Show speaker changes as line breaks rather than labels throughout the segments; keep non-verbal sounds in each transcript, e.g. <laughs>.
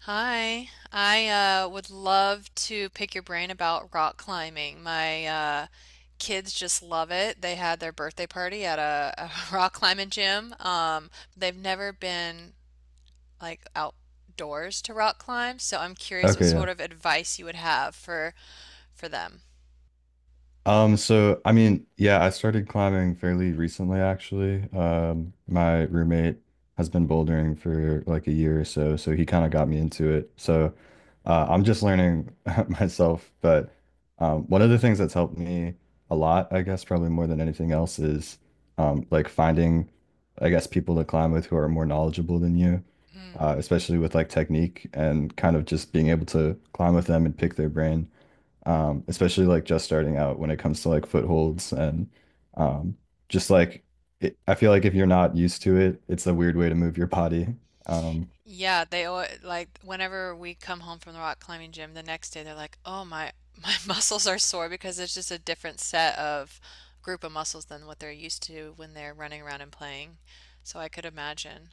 Hi, I would love to pick your brain about rock climbing. My kids just love it. They had their birthday party at a <laughs> rock climbing gym. They've never been like outdoors to rock climb, so I'm curious what
Okay, yeah.
sort of advice you would have for them.
So I mean, yeah, I started climbing fairly recently actually. My roommate has been bouldering for like a year or so, so he kind of got me into it. So, I'm just learning <laughs> myself, but one of the things that's helped me a lot, I guess, probably more than anything else is like finding, I guess, people to climb with who are more knowledgeable than you,
Mm.
especially with like technique and kind of just being able to climb with them and pick their brain. Especially like just starting out when it comes to like footholds and um, just like it, I feel like if you're not used to it, it's a weird way to move your body. Um,
Yeah, they al like whenever we come home from the rock climbing gym the next day, they're like, "Oh my, my <laughs> muscles are sore because it's just a different set of group of muscles than what they're used to when they're running around and playing." So I could imagine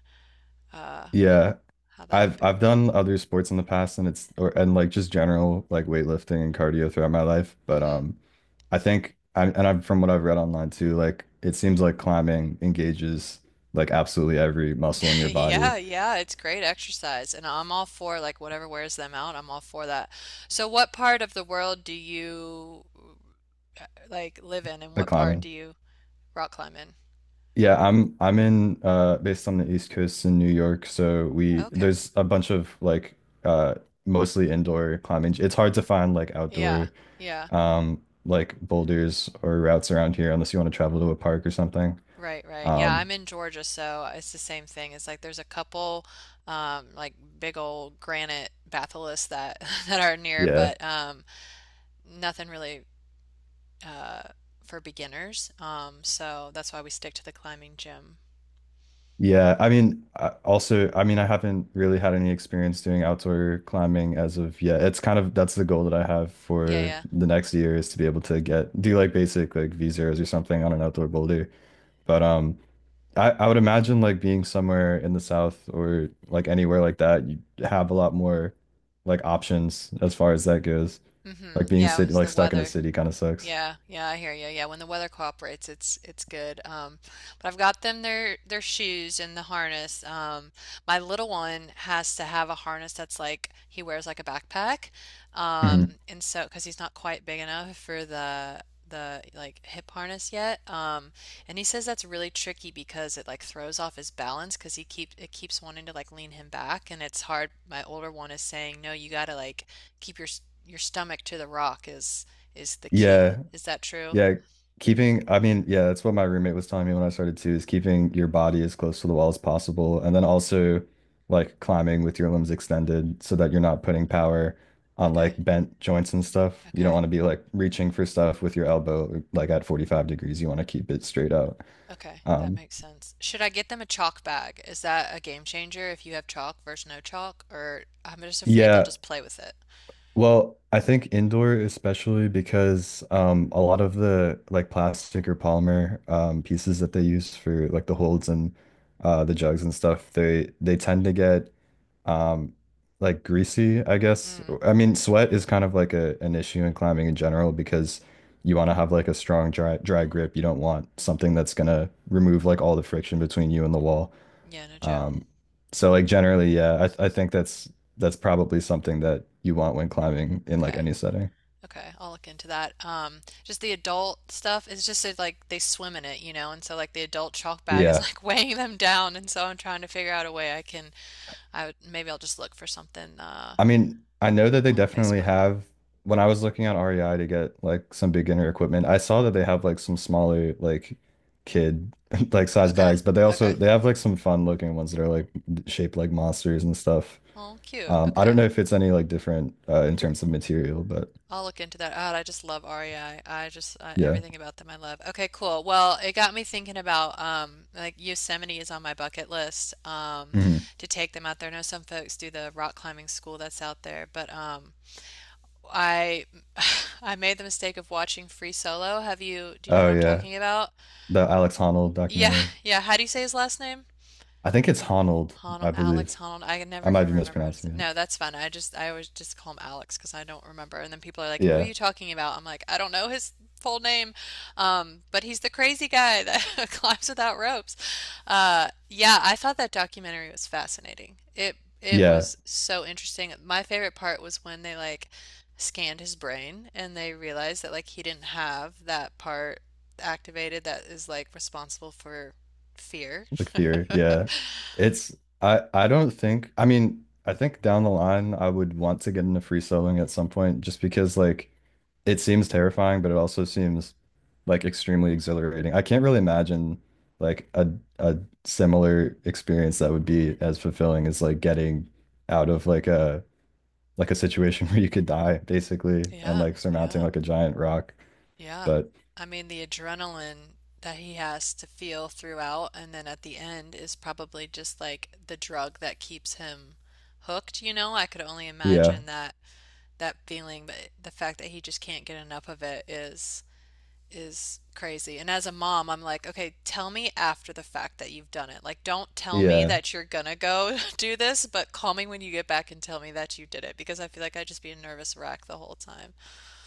uh,
yeah,
how that could
I've
be.
I've done other sports in the past and it's or and like just general like weightlifting and cardio throughout my life, but
hmm
I think I've from what I've read online too, like it seems like climbing engages like absolutely every muscle in
<laughs>
your body.
Yeah, yeah, it's great exercise, and I'm all for like whatever wears them out. I'm all for that. So, what part of the world do you like live in, and
Like
what part
climbing.
do you rock climb in?
Yeah, I'm in based on the East Coast in New York, so we
Okay.
there's a bunch of like uh mostly indoor climbing. It's hard to find like
Yeah,
outdoor
yeah.
like boulders or routes around here unless you want to travel to a park or something.
Right, right. Yeah,
Um
I'm in Georgia, so it's the same thing. It's like there's a couple like big old granite batholiths that <laughs> that are near,
yeah.
but nothing really uh for beginners. So that's why we stick to the climbing gym.
Yeah, I mean I also I mean I haven't really had any experience doing outdoor climbing as of yet. It's kind of that's the goal that I have for
Yeah,
the next year is to be able to get do like basic like V zeros or something on an outdoor boulder. But I would imagine like being somewhere in the South or like anywhere like that, you have a lot more like options as far as that goes.
yeah.
Like being
Yeah, it
city
was
like
the
stuck in a
weather.
city kind of sucks.
Yeah, yeah, I hear you. Yeah, when the weather cooperates, it's good. But I've got them their shoes and the harness. My little one has to have a harness that's like he wears like a backpack. Um,
hmm
and so because he's not quite big enough for the like hip harness yet. And he says that's really tricky because it like throws off his balance because he keeps wanting to like lean him back and it's hard. My older one is saying, "No, you gotta like keep your your stomach to the rock is the key.
Yeah.
Is that true?
Yeah. Keeping, I mean, yeah, that's what my roommate was telling me when I started too, is keeping your body as close to the wall as possible. And then also like climbing with your limbs extended so that you're not putting power on
Okay.
like bent joints and stuff. You don't
Okay.
want to be like reaching for stuff with your elbow like at 45 degrees. You want to keep it straight out.
Okay. That
Um,
makes sense. Should I get them a chalk bag? Is that a game changer if you have chalk versus no chalk? Or I'm just afraid they'll
Yeah,
just play with it.
well, I think indoor especially because a lot of the like plastic or polymer pieces that they use for like the holds and the jugs and stuff, they tend to get um like greasy, I guess.
Mm.
I mean, sweat is kind of like a an issue in climbing in general because you want to have like a strong dry grip. You don't want something that's gonna remove like all the friction between you and the wall.
Yeah, no joke.
Um, so like generally, yeah, I think that's probably something that you want when climbing in like
Okay.
any setting.
Okay. I'll look into that. Just the adult stuff is just that, like they swim in it, and so like the adult chalk bag is
Yeah.
like <laughs> weighing them down, and so I'm trying to figure out a way I would maybe I'll just look for something
I mean, I know that they
on
definitely
Facebook.
have when I was looking on REI to get like some beginner equipment, I saw that they have like some smaller like kid <laughs> like size
Okay.
bags, but
Okay.
they have like some fun looking ones that are like shaped like monsters and stuff.
Oh, cute.
I don't
Okay.
know if it's any like different in terms of material, but
I'll look into that. God, I just love REI. I just
yeah.
everything about them I love. Okay, cool. Well, it got me thinking about like Yosemite is on my bucket list
Mhm.
to take them out there. I know some folks do the rock climbing school that's out there, but I <sighs> I made the mistake of watching Free Solo. Have you do you know
Oh
what I'm
yeah.
talking about?
The Alex Honnold
Yeah,
documentary.
yeah. How do you say his last name?
I think it's Honold,
Honnold,
I
Alex
believe.
Honnold. I
I
never
might
can
be
remember how to say.
mispronouncing
No, that's fine. I always just call him Alex because I don't remember. And then people are
it.
like, "Who are
Yeah.
you talking about?" I'm like, "I don't know his full name," but he's the crazy guy that <laughs> climbs without ropes. Yeah, I thought that documentary was fascinating. It
Yeah.
was so interesting. My favorite part was when they like scanned his brain and they realized that like he didn't have that part activated that is like responsible for fear.
Like fear.
<laughs>
Yeah. It's I don't think I mean, I think down the line I would want to get into free soloing at some point just because like it seems terrifying, but it also seems like extremely exhilarating. I can't really imagine like a similar experience that would be as fulfilling as like getting out of like a situation <laughs> where you could die basically and
Yeah,
like surmounting
yeah,
like a giant rock.
yeah.
But
I mean, the adrenaline that he has to feel throughout and then at the end is probably just like the drug that keeps him hooked, you know? I could only
yeah.
imagine that feeling, but the fact that he just can't get enough of it is crazy. And as a mom, I'm like, okay, tell me after the fact that you've done it. Like, don't tell me
Yeah.
that you're gonna go <laughs> do this, but call me when you get back and tell me that you did it because I feel like I'd just be a nervous wreck the whole time.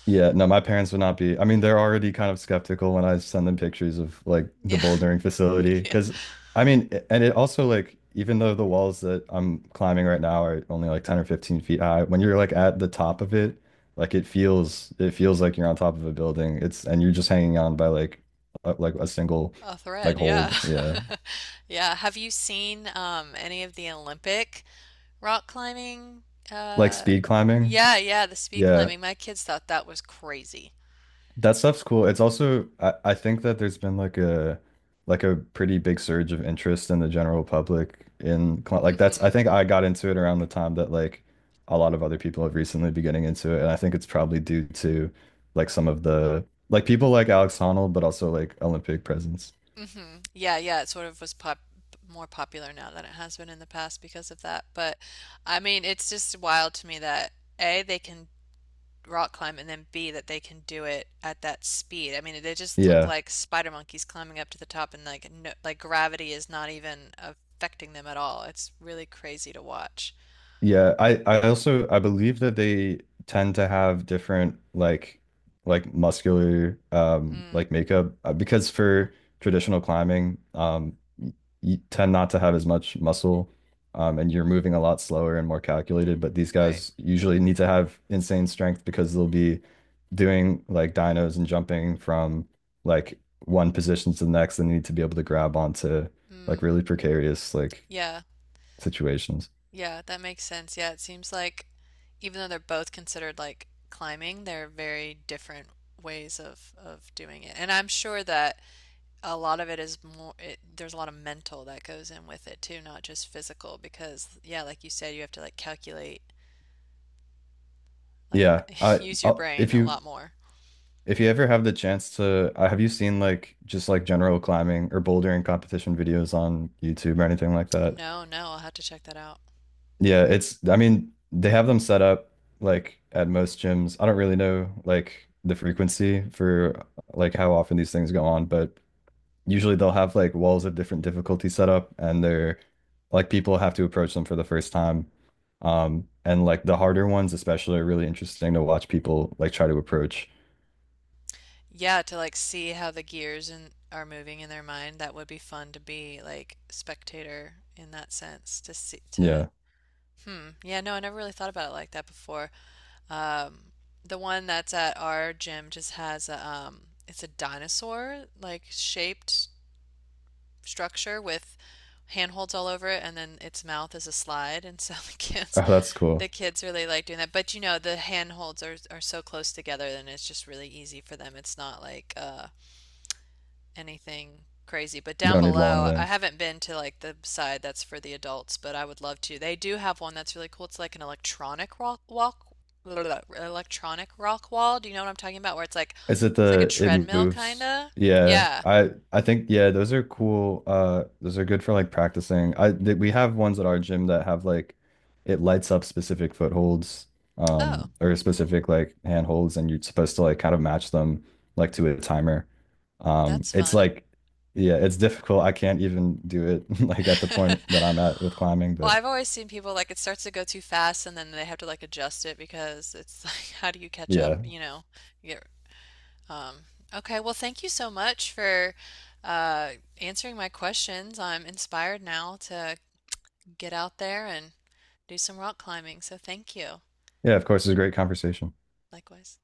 Yeah. No, my parents would not be. I mean, they're already kind of skeptical when I send them pictures of like the
Yeah.
bouldering facility.
<laughs> yeah.
Cause I mean, I- and it also like, even though the walls that I'm climbing right now are only like 10 or 15 feet high, when you're like at the top of it, like it feels like you're on top of a building. It's, and you're just hanging on by like, like a single
A
like
thread, yeah.
hold.
<laughs>
Yeah.
Yeah. Have you seen any of the Olympic rock climbing?
Like
Uh
speed climbing.
yeah, yeah, the speed
Yeah.
climbing. My kids thought that was crazy.
That stuff's cool. It's also I think that there's been like a pretty big surge of interest in the general public in like that's I
hmm
think I got into it around the time that like a lot of other people have recently been getting into it and I think it's probably due to like some of the like people like Alex Honnold but also like Olympic presence.
Yeah, yeah, it sort of was pop more popular now than it has been in the past because of that. But I mean, it's just wild to me that A, they can rock climb and then B that they can do it at that speed. I mean, they just look
Yeah.
like spider monkeys climbing up to the top and like no, like gravity is not even affecting them at all. It's really crazy to watch.
Yeah, I also I believe that they tend to have different like muscular
Mm,
like makeup because for traditional climbing you tend not to have as much muscle and you're moving a lot slower and more calculated but these
right.
guys usually need to have insane strength because they'll be doing like dynos and jumping from like one position to the next and need to be able to grab onto like
Mm,
really precarious like
yeah.
situations.
Yeah, that makes sense. Yeah, it seems like even though they're both considered like climbing, they're very different ways of doing it. And I'm sure that a lot of it is there's a lot of mental that goes in with it too, not just physical because yeah, like you said, you have to like calculate, like
Yeah,
<laughs> use your brain
if
a
you
lot more.
ever have the chance to, have you seen like just like general climbing or bouldering competition videos on YouTube or anything like that?
No, no, I'll have to check that out.
Yeah, it's I mean they have them set up like at most gyms. I don't really know like the frequency for like how often these things go on, but usually they'll have like walls of different difficulty set up and they're like people have to approach them for the first time. And like the harder ones especially are really interesting to watch people like try to approach.
Yeah, to like see how the gears and are moving in their mind, that would be fun to be like spectator in that sense to see to
Yeah.
hmm. Yeah, no, I never really thought about it like that before. Um, the one that's at our gym just has a it's a dinosaur like shaped structure with handholds all over it and then its mouth is a slide and so <laughs>
Oh, that's
the
cool.
kids really like doing that, but you know the handholds are so close together then it's just really easy for them. It's not like anything crazy, but
You
down
don't need long
below I
limbs.
haven't been to like the side that's for the adults, but I would love to. They do have one that's really cool. It's like an electronic rock wall. Do you know what I'm talking about, where
Is it
it's like a
the it
treadmill
moves?
kinda,
Yeah,
yeah.
I think yeah, those are cool. Those are good for like practicing. I th We have ones at our gym that have like it lights up specific footholds,
Oh,
or specific like handholds, and you're supposed to like kind of match them like to a timer.
that's
It's
fun.
like yeah, it's difficult. I can't even do it <laughs> like at the point that I'm at with
<laughs>
climbing,
Well,
but
I've always seen people like it starts to go too fast and then they have to like adjust it because it's <laughs> like how do you catch up,
yeah,
you know? You get um okay, well thank you so much for uh answering my questions. I'm inspired now to get out there and do some rock climbing. So thank you.
yeah. Of course, it's a great conversation.
Likewise.